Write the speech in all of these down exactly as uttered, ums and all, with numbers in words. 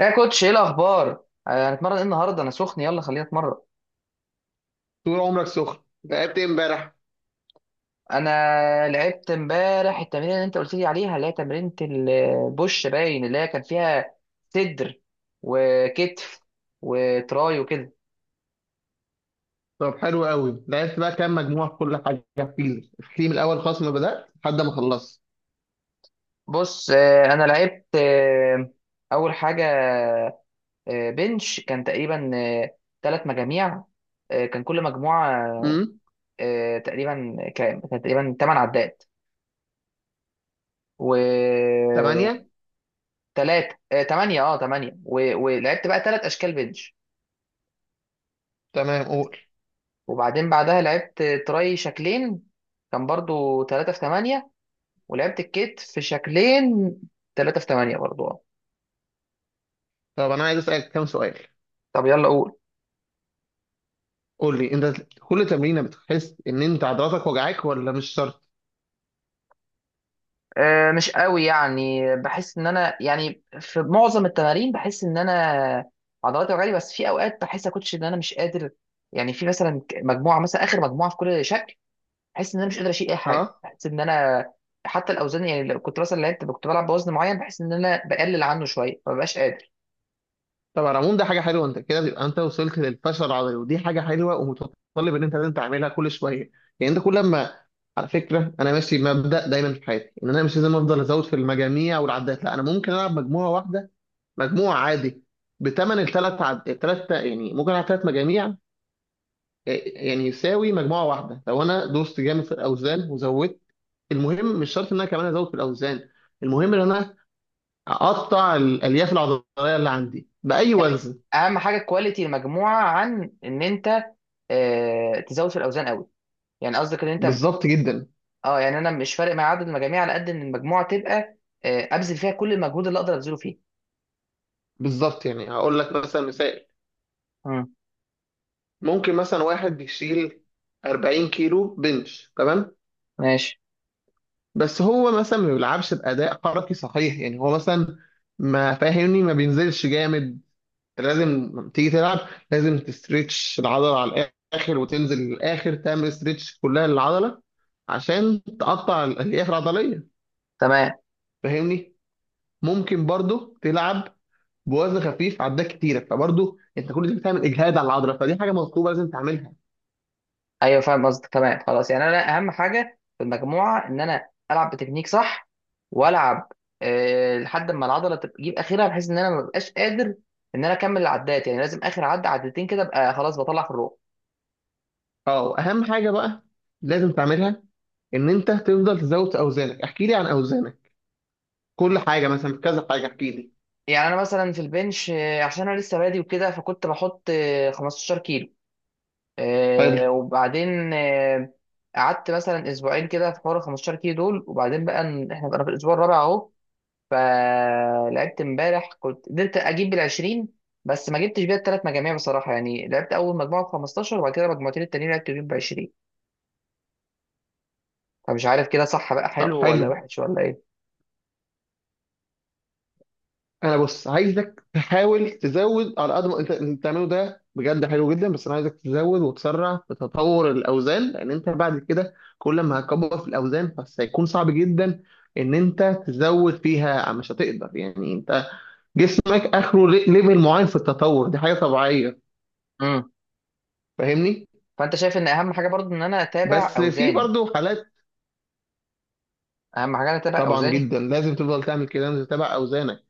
يا كوتش، ايه الاخبار؟ آه، هنتمرن ايه النهارده؟ انا سخن، يلا خلينا نتمرن. طول عمرك سخن. لعبت ايه امبارح؟ انا لعبت امبارح التمرين اللي انت قلت لي عليها، اللي هي تمرينة البوش باين، اللي هي كان فيها صدر وكتف وتراي وكده. طب حلو قوي. لعبت بقى كام مجموعة في كل حاجة؟ احكيلي احكيلي من الأول خالص، ما بدأت لحد ما خلصت. بص، آه، انا لعبت، آه، اول حاجه آه، بنش كان تقريبا ثلاث مجاميع. آه، كان كل مجموعه، امم. آه، تقريبا كام؟ كان تقريبا تمانية عدات، و تمانية. تلاتة، آه، تمانية، اه تمانية و... ولعبت بقى تلات أشكال بنش. تمام، قول. وبعدين بعدها لعبت تراي شكلين، كان برضو تلاتة في تمانية. ولعبت الكيت في شكلين، تلاتة في تمانية برضو، اه طب أنا عايز أسألك كام سؤال. طب يلا قول. قول لي أنت، كل تمرينة بتحس إن أنت عضلاتك وجعاك ولا مش شرط؟ آه مش قوي، يعني بحس إن أنا، يعني في معظم التمارين بحس إن أنا عضلاتي وجعاني. بس في أوقات بحس يا كوتش إن أنا مش قادر، يعني في مثلا مجموعة، مثلا آخر مجموعة في كل شكل بحس ان انا مش قادر اشيل اي حاجه. اه. بحس ان انا حتى الاوزان، يعني لو كنت مثلا لعبت كنت بلعب بوزن معين، بحس ان انا بقلل عنه شويه، ما ببقاش قادر. طب على العموم ده حاجة حلوة، أنت كده بيبقى أنت وصلت للفشل العضلي، ودي حاجة حلوة ومتطلب إن أنت لازم تعملها كل شوية. يعني أنت كل ما، على فكرة أنا ماشي بمبدأ دايما في حياتي إن أنا مش لازم أفضل أزود في المجاميع والعدات، لا أنا ممكن ألعب مجموعة واحدة، مجموع عادي، بتمن الثلاث عد... الثلاث، يعني ممكن على ثلاث مجاميع آه، يعني يساوي مجموعة واحدة لو أنا دوست جامد في الأوزان وزودت. المهم مش شرط إن أنا كمان أزود في الأوزان، المهم إن أنا أقطع الألياف العضلية اللي عندي بأي يعني وزن. اهم حاجه كواليتي المجموعه، عن ان انت آه تزود في الاوزان قوي. يعني قصدك ان انت، بالظبط جدا. اه يعني انا مش فارق معايا عدد المجاميع، على قد ان المجموعه تبقى آه ابذل فيها كل المجهود اللي اقدر ابذله فيه. بالظبط، يعني هقول لك مثلا مثال: امم، ممكن مثلا واحد يشيل 40 كيلو بنش، تمام، ماشي، بس هو مثلا ما بيلعبش بأداء حركي صحيح. يعني هو مثلا، ما فاهمني، ما بينزلش جامد. لازم تيجي تلعب، لازم تستريتش العضله على الاخر وتنزل للاخر، تعمل استريتش كلها للعضله عشان تقطع الالياف العضليه، تمام. فاهمني. ممكن برضو تلعب بوزن خفيف عدات كتيره، فبرضو انت كل ده بتعمل اجهاد على العضله، فدي حاجه مطلوبه لازم تعملها. ايوه فاهم قصدك، تمام، خلاص. يعني انا اهم حاجه في المجموعه ان انا العب بتكنيك صح، والعب أه لحد ما العضله تبقى- تجيب اخرها، بحيث ان انا ما ببقاش قادر ان انا اكمل العدات، يعني لازم اخر عد عدتين كده ابقى خلاص بطلع في الروح. اه، واهم حاجه بقى لازم تعملها، ان انت تفضل تزود في اوزانك. احكي لي عن اوزانك، كل حاجه، مثلا كذا حاجه احكي لي. يعني انا مثلا في البنش، آه، عشان انا لسه بادي وكده، فكنت بحط آه، خمستاشر كيلو. حلو. أه وبعدين، آه، قعدت مثلا اسبوعين كده في حوار ال خمسة عشر كيلو دول، وبعدين بقى إن- احنا بقى في الاسبوع الرابع اهو. فلعبت امبارح كنت قدرت اجيب بالعشرين، بس ما جبتش بيها الثلاث مجاميع بصراحه. يعني لعبت اول مجموعه ب خمستاشر، وبعد كده مجموعتين التانيين لعبت بيهم ب عشرين. فمش عارف كده صح بقى، طب حلو ولا حلو، وحش ولا ايه؟ انا بص عايزك تحاول تزود على قد ما انت. اللي بتعمله ده بجد حلو جدا، بس انا عايزك تزود وتسرع في تطور الاوزان، لان انت بعد كده كل ما هتكبر في الاوزان بس هيكون صعب جدا ان انت تزود فيها، مش هتقدر. يعني انت جسمك اخره لي- ليفل معين في التطور، دي حاجه طبيعيه. امم. فاهمني. فانت شايف ان اهم حاجه برضو ان انا اتابع بس في اوزاني. برضه حالات. اهم حاجه انا اتابع طبعا اوزاني. جدا، لازم تفضل تعمل كده، لازم تتابع اوزانك.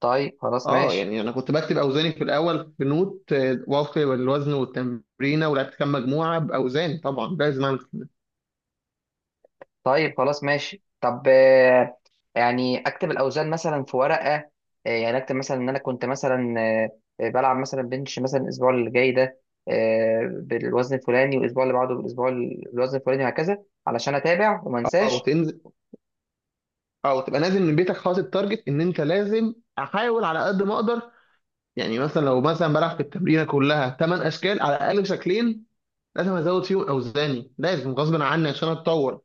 طيب خلاص، اه، ماشي. يعني انا كنت بكتب اوزاني في الاول في نوت، آه، وفق الوزن والتمرينه ولعبت كام مجموعه باوزاني. طبعا لازم اعمل. طيب خلاص ماشي. طب آه، يعني اكتب الاوزان مثلا في ورقه، آه، يعني اكتب مثلا ان انا كنت مثلا آه، بلعب مثلا بنش مثلا الاسبوع اللي جاي ده، آه، بالوزن الفلاني، والاسبوع اللي بعده بالاسبوع ال- بالوزن الفلاني، وهكذا علشان اتابع وما او انساش. تنزل، او تبقى نازل من بيتك حاطط تارجت، ان انت لازم احاول على قد ما اقدر. يعني مثلا لو مثلا بلعب في التمرينه كلها 8 اشكال، على الاقل شكلين لازم ازود فيهم اوزاني، لازم غصب عني عشان اتطور.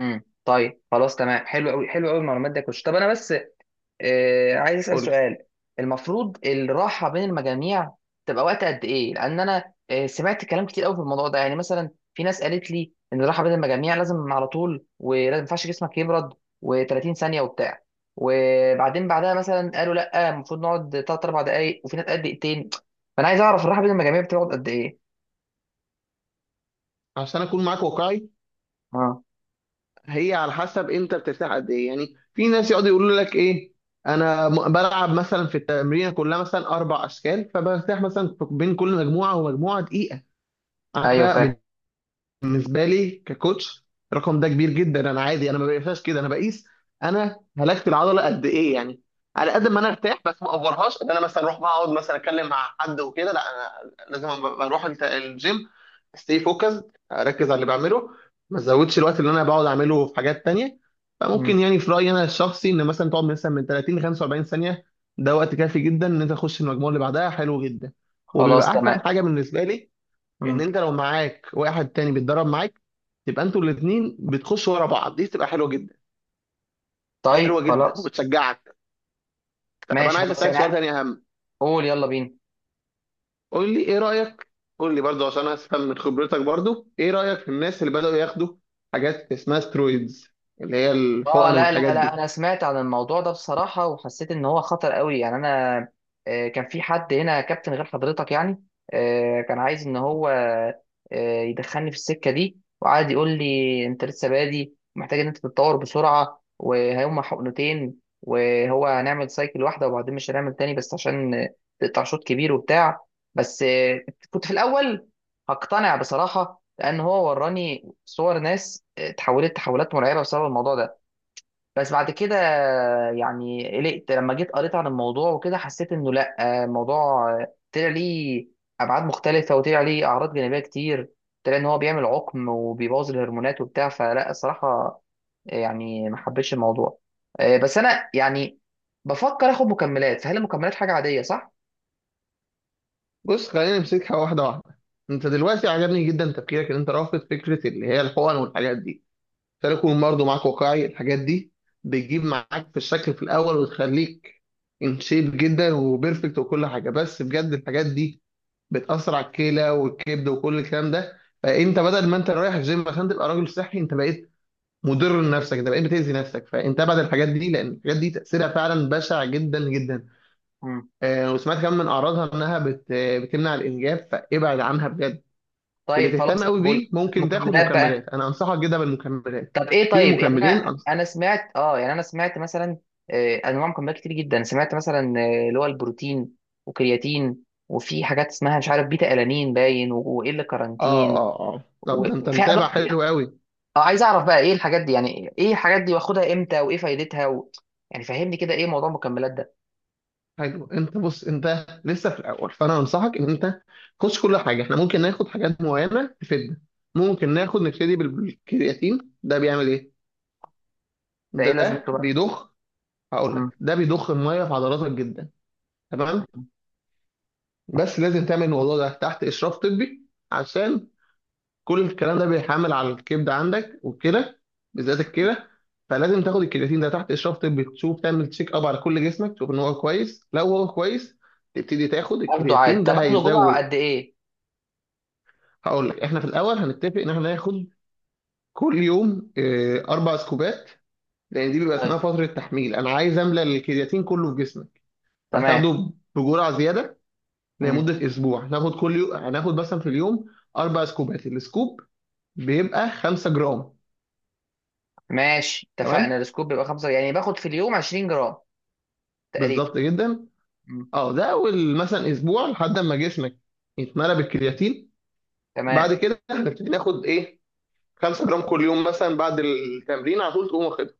امم، طيب خلاص تمام. حلو قوي، حلو قوي المعلومات دي كويس. طب انا بس آه، عايز اسال قول لي، سؤال. المفروض الراحه بين المجاميع تبقى وقت قد ايه؟ لان انا آه، سمعت كلام كتير قوي في الموضوع ده. يعني مثلا في ناس قالت لي ان الراحه بين المجاميع لازم على طول، ولازم ما ينفعش جسمك يبرد، و30 ثانيه وبتاع. وبعدين بعدها مثلا قالوا لا، المفروض نقعد ثلاث اربع دقائق، وفي ناس قد دقيقتين. فانا عايز اعرف الراحه بين المجاميع بتقعد قد ايه؟ عشان اكون معاك واقعي، اه، هي على حسب انت بترتاح قد ايه. يعني في ناس يقعدوا يقولوا لك ايه، انا م- بلعب مثلا في التمرين كلها مثلا اربع اشكال فبرتاح مثلا بين كل مجموعه ومجموعه دقيقه. ايوه انا فاهم. بالنسبه لي ككوتش، الرقم ده كبير جدا، انا عادي انا ما بقيسهاش كده، انا بقيس انا هلكت العضله قد ايه. يعني على قد ما انا ارتاح بس ما اوفرهاش، ان انا مثلا اروح بقى اقعد مثلا اتكلم مع حد وكده، لا انا لازم أما اروح الت- الجيم، استي فوكس، اركز على اللي بعمله، ما ازودش الوقت اللي انا بقعد اعمله في حاجات تانية. مم. فممكن يعني في رايي انا الشخصي ان مثلا تقعد مثلا من تلاتين ل خمسة واربعين ثانيه، ده وقت كافي جدا ان انت تخش المجموعه اللي بعدها، حلو جدا. خلاص وبيبقى احسن تمام. حاجه بالنسبه لي، ان مم. انت لو معاك واحد تاني بيتدرب معاك، تبقى انتوا الاثنين بتخشوا ورا بعض، دي تبقى حلوه جدا، طيب حلوه جدا خلاص، وبتشجعك. طب انا ماشي عايز خلاص اسالك سؤال يعني. تاني اهم. قول يلا بينا. قول لي ايه رايك، قول لي برضو عشان افهم من خبرتك، برضو ايه رايك في الناس اللي بداوا ياخدوا حاجات اسمها سترويدز، اللي هي اه الحقن لا لا والحاجات لا، دي. انا سمعت عن الموضوع ده بصراحه وحسيت ان هو خطر قوي. يعني انا آه، كان في حد هنا كابتن غير حضرتك، يعني آه، كان عايز ان هو آه، يدخلني في السكه دي، وقعد يقول لي انت لسه بادي، ومحتاج ان انت تتطور بسرعه، وهيوم حقنتين، وهو هنعمل سايكل واحده وبعدين مش هنعمل تاني، بس عشان آه، تقطع شوط كبير وبتاع. بس آه، كنت في الاول هقتنع بصراحه، لان هو وراني صور ناس آه، اتحولت تحولات مرعبه بسبب الموضوع ده. بس بعد كده يعني قلقت لما جيت قريت عن الموضوع وكده، حسيت انه لا، الموضوع طلع ليه ابعاد مختلفه، وطلع ليه اعراض جانبيه كتير. طلع ان هو بيعمل عقم، وبيبوظ الهرمونات وبتاع. فلا الصراحه يعني ما حبيتش الموضوع. آه، بس انا يعني بفكر اخد مكملات، فهل المكملات حاجه عاديه صح؟ بص، خلينا نمسكها واحده واحده. انت دلوقتي عجبني جدا تفكيرك، ان انت رافض فكره اللي هي الحقن والحاجات دي. ده يكون برضه معاك واقعي، الحاجات دي بتجيب معاك في الشكل في الاول وتخليك ان شيب جدا وبيرفكت وكل حاجه، بس بجد الحاجات دي بتاثر على الكلى والكبد وكل الكلام ده. فانت بدل ما انت رايح الجيم عشان تبقى راجل صحي، انت بقيت مضر لنفسك، انت بقيت بتاذي نفسك. فانت ابعد الحاجات دي، لان الحاجات دي تاثيرها فعلا بشع جدا جدا. مم. آه، وسمعت كمان من اعراضها انها بت... بتمنع الانجاب، فابعد عنها بجد. اللي طيب خلاص، تهتم قوي طب بيه ممكن تاخد المكملات بقى. مكملات، انا انصحك جدا بالمكملات. طب ايه؟ في طيب يعني مكملين. انا انا سمعت اه يعني انا سمعت مثلا آه، انواع مكملات كتير جدا. سمعت مثلا آه، اللي هو البروتين، وكرياتين، وفي حاجات اسمها مش عارف بيتا الانين باين، و- وايه اللي اه كارانتين، اه اه طب ده انت وفي انواع متابع كتير. حلو قوي. اه عايز اعرف بقى ايه الحاجات دي، يعني ايه الحاجات دي، واخدها امتى، وايه فايدتها و... يعني فهمني كده ايه موضوع المكملات ده. حلو، انت بص انت لسه في الاول، فانا انصحك ان انت خش كل حاجه. احنا ممكن ناخد حاجات معينه تفيدنا. ممكن ناخد نبتدي بال- بالكرياتين. ده بيعمل ايه؟ ده ايه ده لازمته بقى؟ بيضخ. هقول مم. لك، ده بيضخ الميه في عضلاتك جدا. تمام، بس لازم تعمل الموضوع ده تحت اشراف طبي عشان كل الكلام ده بيحمل على الكبد عندك والكلى، بالذات الكلى. فلازم تاخد الكرياتين ده تحت اشراف طبي، تشوف تعمل تشيك اب على كل جسمك تشوف ان هو كويس، لو هو كويس تبتدي تاخد اخده عادي، الكرياتين. طب ده اخده جرعه هيزود. قد ايه؟ هقول لك، احنا في الاول هنتفق ان احنا ناخد كل يوم آه، اربع سكوبات، لان دي بيبقى اسمها طيب، فتره تحميل، انا عايز املى الكرياتين كله في جسمك. تمام. فهتاخده بجرعه زياده مم. لمده اسبوع، هناخد كل يوم، هناخد مثلا في اليوم اربع سكوبات، السكوب بيبقى 5 جرام. ماشي اتفقنا. تمام. السكوب بيبقى خمسة، يعني باخد في اليوم 20 جرام تقريبا. بالظبط جدا. مم. اه، ده اول مثلا اسبوع لحد ما جسمك يتملى بالكرياتين. تمام، بعد كده هنبتدي ناخد ايه؟ 5 جرام كل يوم، مثلا بعد التمرين على طول تقوم واخدها.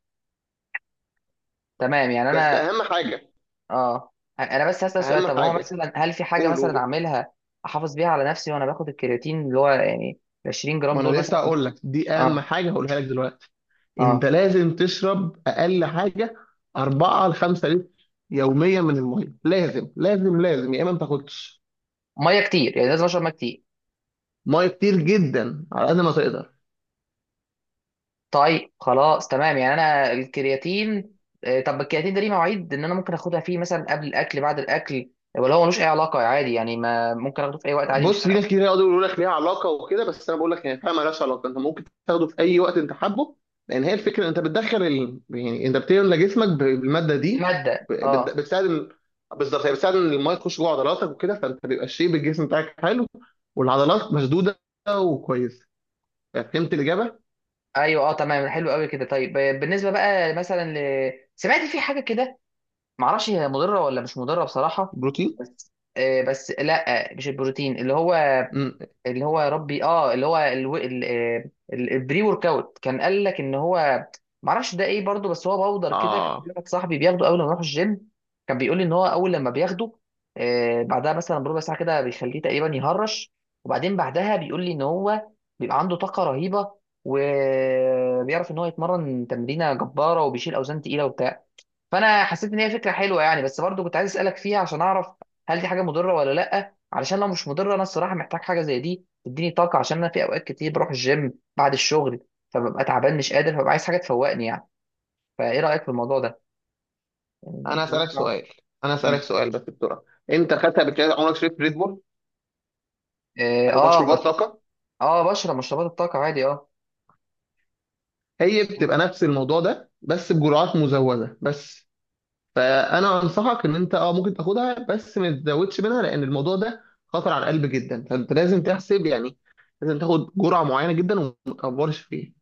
تمام. يعني بس انا اهم حاجه، اه انا بس هسأل سؤال. اهم طب هو حاجه، مثلا هل في حاجه قول مثلا قول. اعملها احافظ بيها على نفسي وانا باخد الكرياتين اللي هو يعني ال 20 جرام ما انا دول لسه مثلا؟ هقول لك، دي اهم اه، حاجه هقولها لك دلوقتي: انت اه. لازم تشرب اقل حاجه اربع ل 5 لتر يوميا من الميه، لازم لازم لازم، يا اما ما تاخدش. ميه كتير يعني، لازم اشرب ميه كتير. ميه كتير جدا، على قد ما تقدر. طيب خلاص، تمام. يعني انا الكرياتين، آه، طب الكرياتين ده ليه مواعيد ان انا ممكن اخدها فيه مثلا قبل الاكل بعد الاكل، ولا هو ملوش اي علاقه عادي؟ يعني ما ممكن اخده في اي وقت عادي مش بص، في ناس فارقه. كتير يقعدوا يقولوا لك ليها علاقه وكده، بس انا بقول لك هي فعلا مالهاش علاقه، انت ممكن تاخده في اي وقت انت حابه، لان هي الفكره، انت بتدخل ال... يعني انت بتملى جسمك ب- بالماده دي، الماده، ب- بت- اه. بتساعد ال... بالظبط، هي بتساعد ان الميه تخش جوه عضلاتك وكده، فانت بيبقى الشيب الجسم بتاعك حلو، والعضلات مشدوده وكويسه. فهمت الاجابه؟ ايوه اه تمام، حلو قوي كده. طيب آه، بالنسبه بقى مثلا ل... سمعت في حاجه كده، معرفش هي مضره ولا مش مضره بصراحه. بروتين. بس آه بس لا، مش البروتين اللي هو، امم. اللي هو، يا ربي، اه، اللي هو الو- ال- آه، ال- البري ورك اوت. كان قال لك ان هو، معرفش ده ايه برضه، بس هو باودر كده. كان في اه، واحد صاحبي بياخده اول ما يروح الجيم. كان بيقول لي ان هو اول لما بياخده آه بعدها مثلا بربع ساعه كده بيخليه تقريبا يهرش، وبعدين بعدها بيقول لي ان هو بيبقى عنده طاقه رهيبه، وبيعرف ان هو يتمرن تمرينه جباره، وبيشيل اوزان تقيله وبتاع. فانا حسيت ان هي فكره حلوه يعني، بس برضو كنت عايز اسالك فيها عشان اعرف، هل دي حاجه مضره ولا لا؟ علشان لو مش مضره انا الصراحه محتاج حاجه زي دي تديني طاقه، عشان انا في اوقات كتير بروح الجيم بعد الشغل، فببقى تعبان مش قادر، فببقى عايز حاجه تفوقني يعني. فايه رايك في الموضوع ده؟ يعني انا اسالك ينفع؟ سؤال، انا اسالك مم. سؤال بس بسرعه. انت خدت قبل كده، عمرك شربت ريد بول اه، او آه، مشروبات بش... طاقه؟ اه بشرب مشروبات الطاقه عادي، اه. هي بتبقى نفس الموضوع ده بس بجرعات مزودة بس. فأنا أنصحك إن أنت أه ممكن تاخدها بس ما تزودش منها، لأن الموضوع ده خطر على القلب جدا، فأنت لازم تحسب يعني، لازم تاخد جرعة معينة جدا وما تكبرش فيها.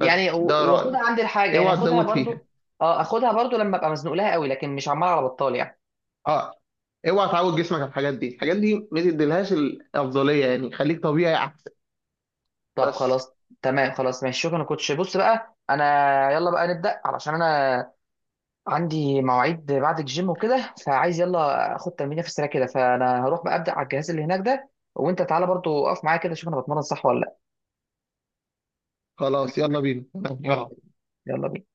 بس و- ده رأيي، واخدها عندي الحاجه يعني، اوعى اخدها تزود فيها. برضو. اه اخدها برضو لما ابقى مزنوق لها قوي، لكن مش عمال على بطال يعني. أه، اوعى تعود جسمك على الحاجات دي، الحاجات دي ما تديلهاش الأفضلية، يعني خليك طبيعي أحسن. طب بس. خلاص، تمام خلاص، ماشي. شكرا يا كوتش. بص بقى انا يلا بقى نبدا، علشان انا عندي مواعيد بعد الجيم وكده، فعايز يلا اخد تمرينه في السريع كده. فانا هروح بقى ابدا على الجهاز اللي هناك ده، وانت تعالى برضو اقف معايا كده، شوف انا بتمرن صح ولا لا. خلاص، تمام؟ يلا بينا. يلا. يلا. يلا بينا.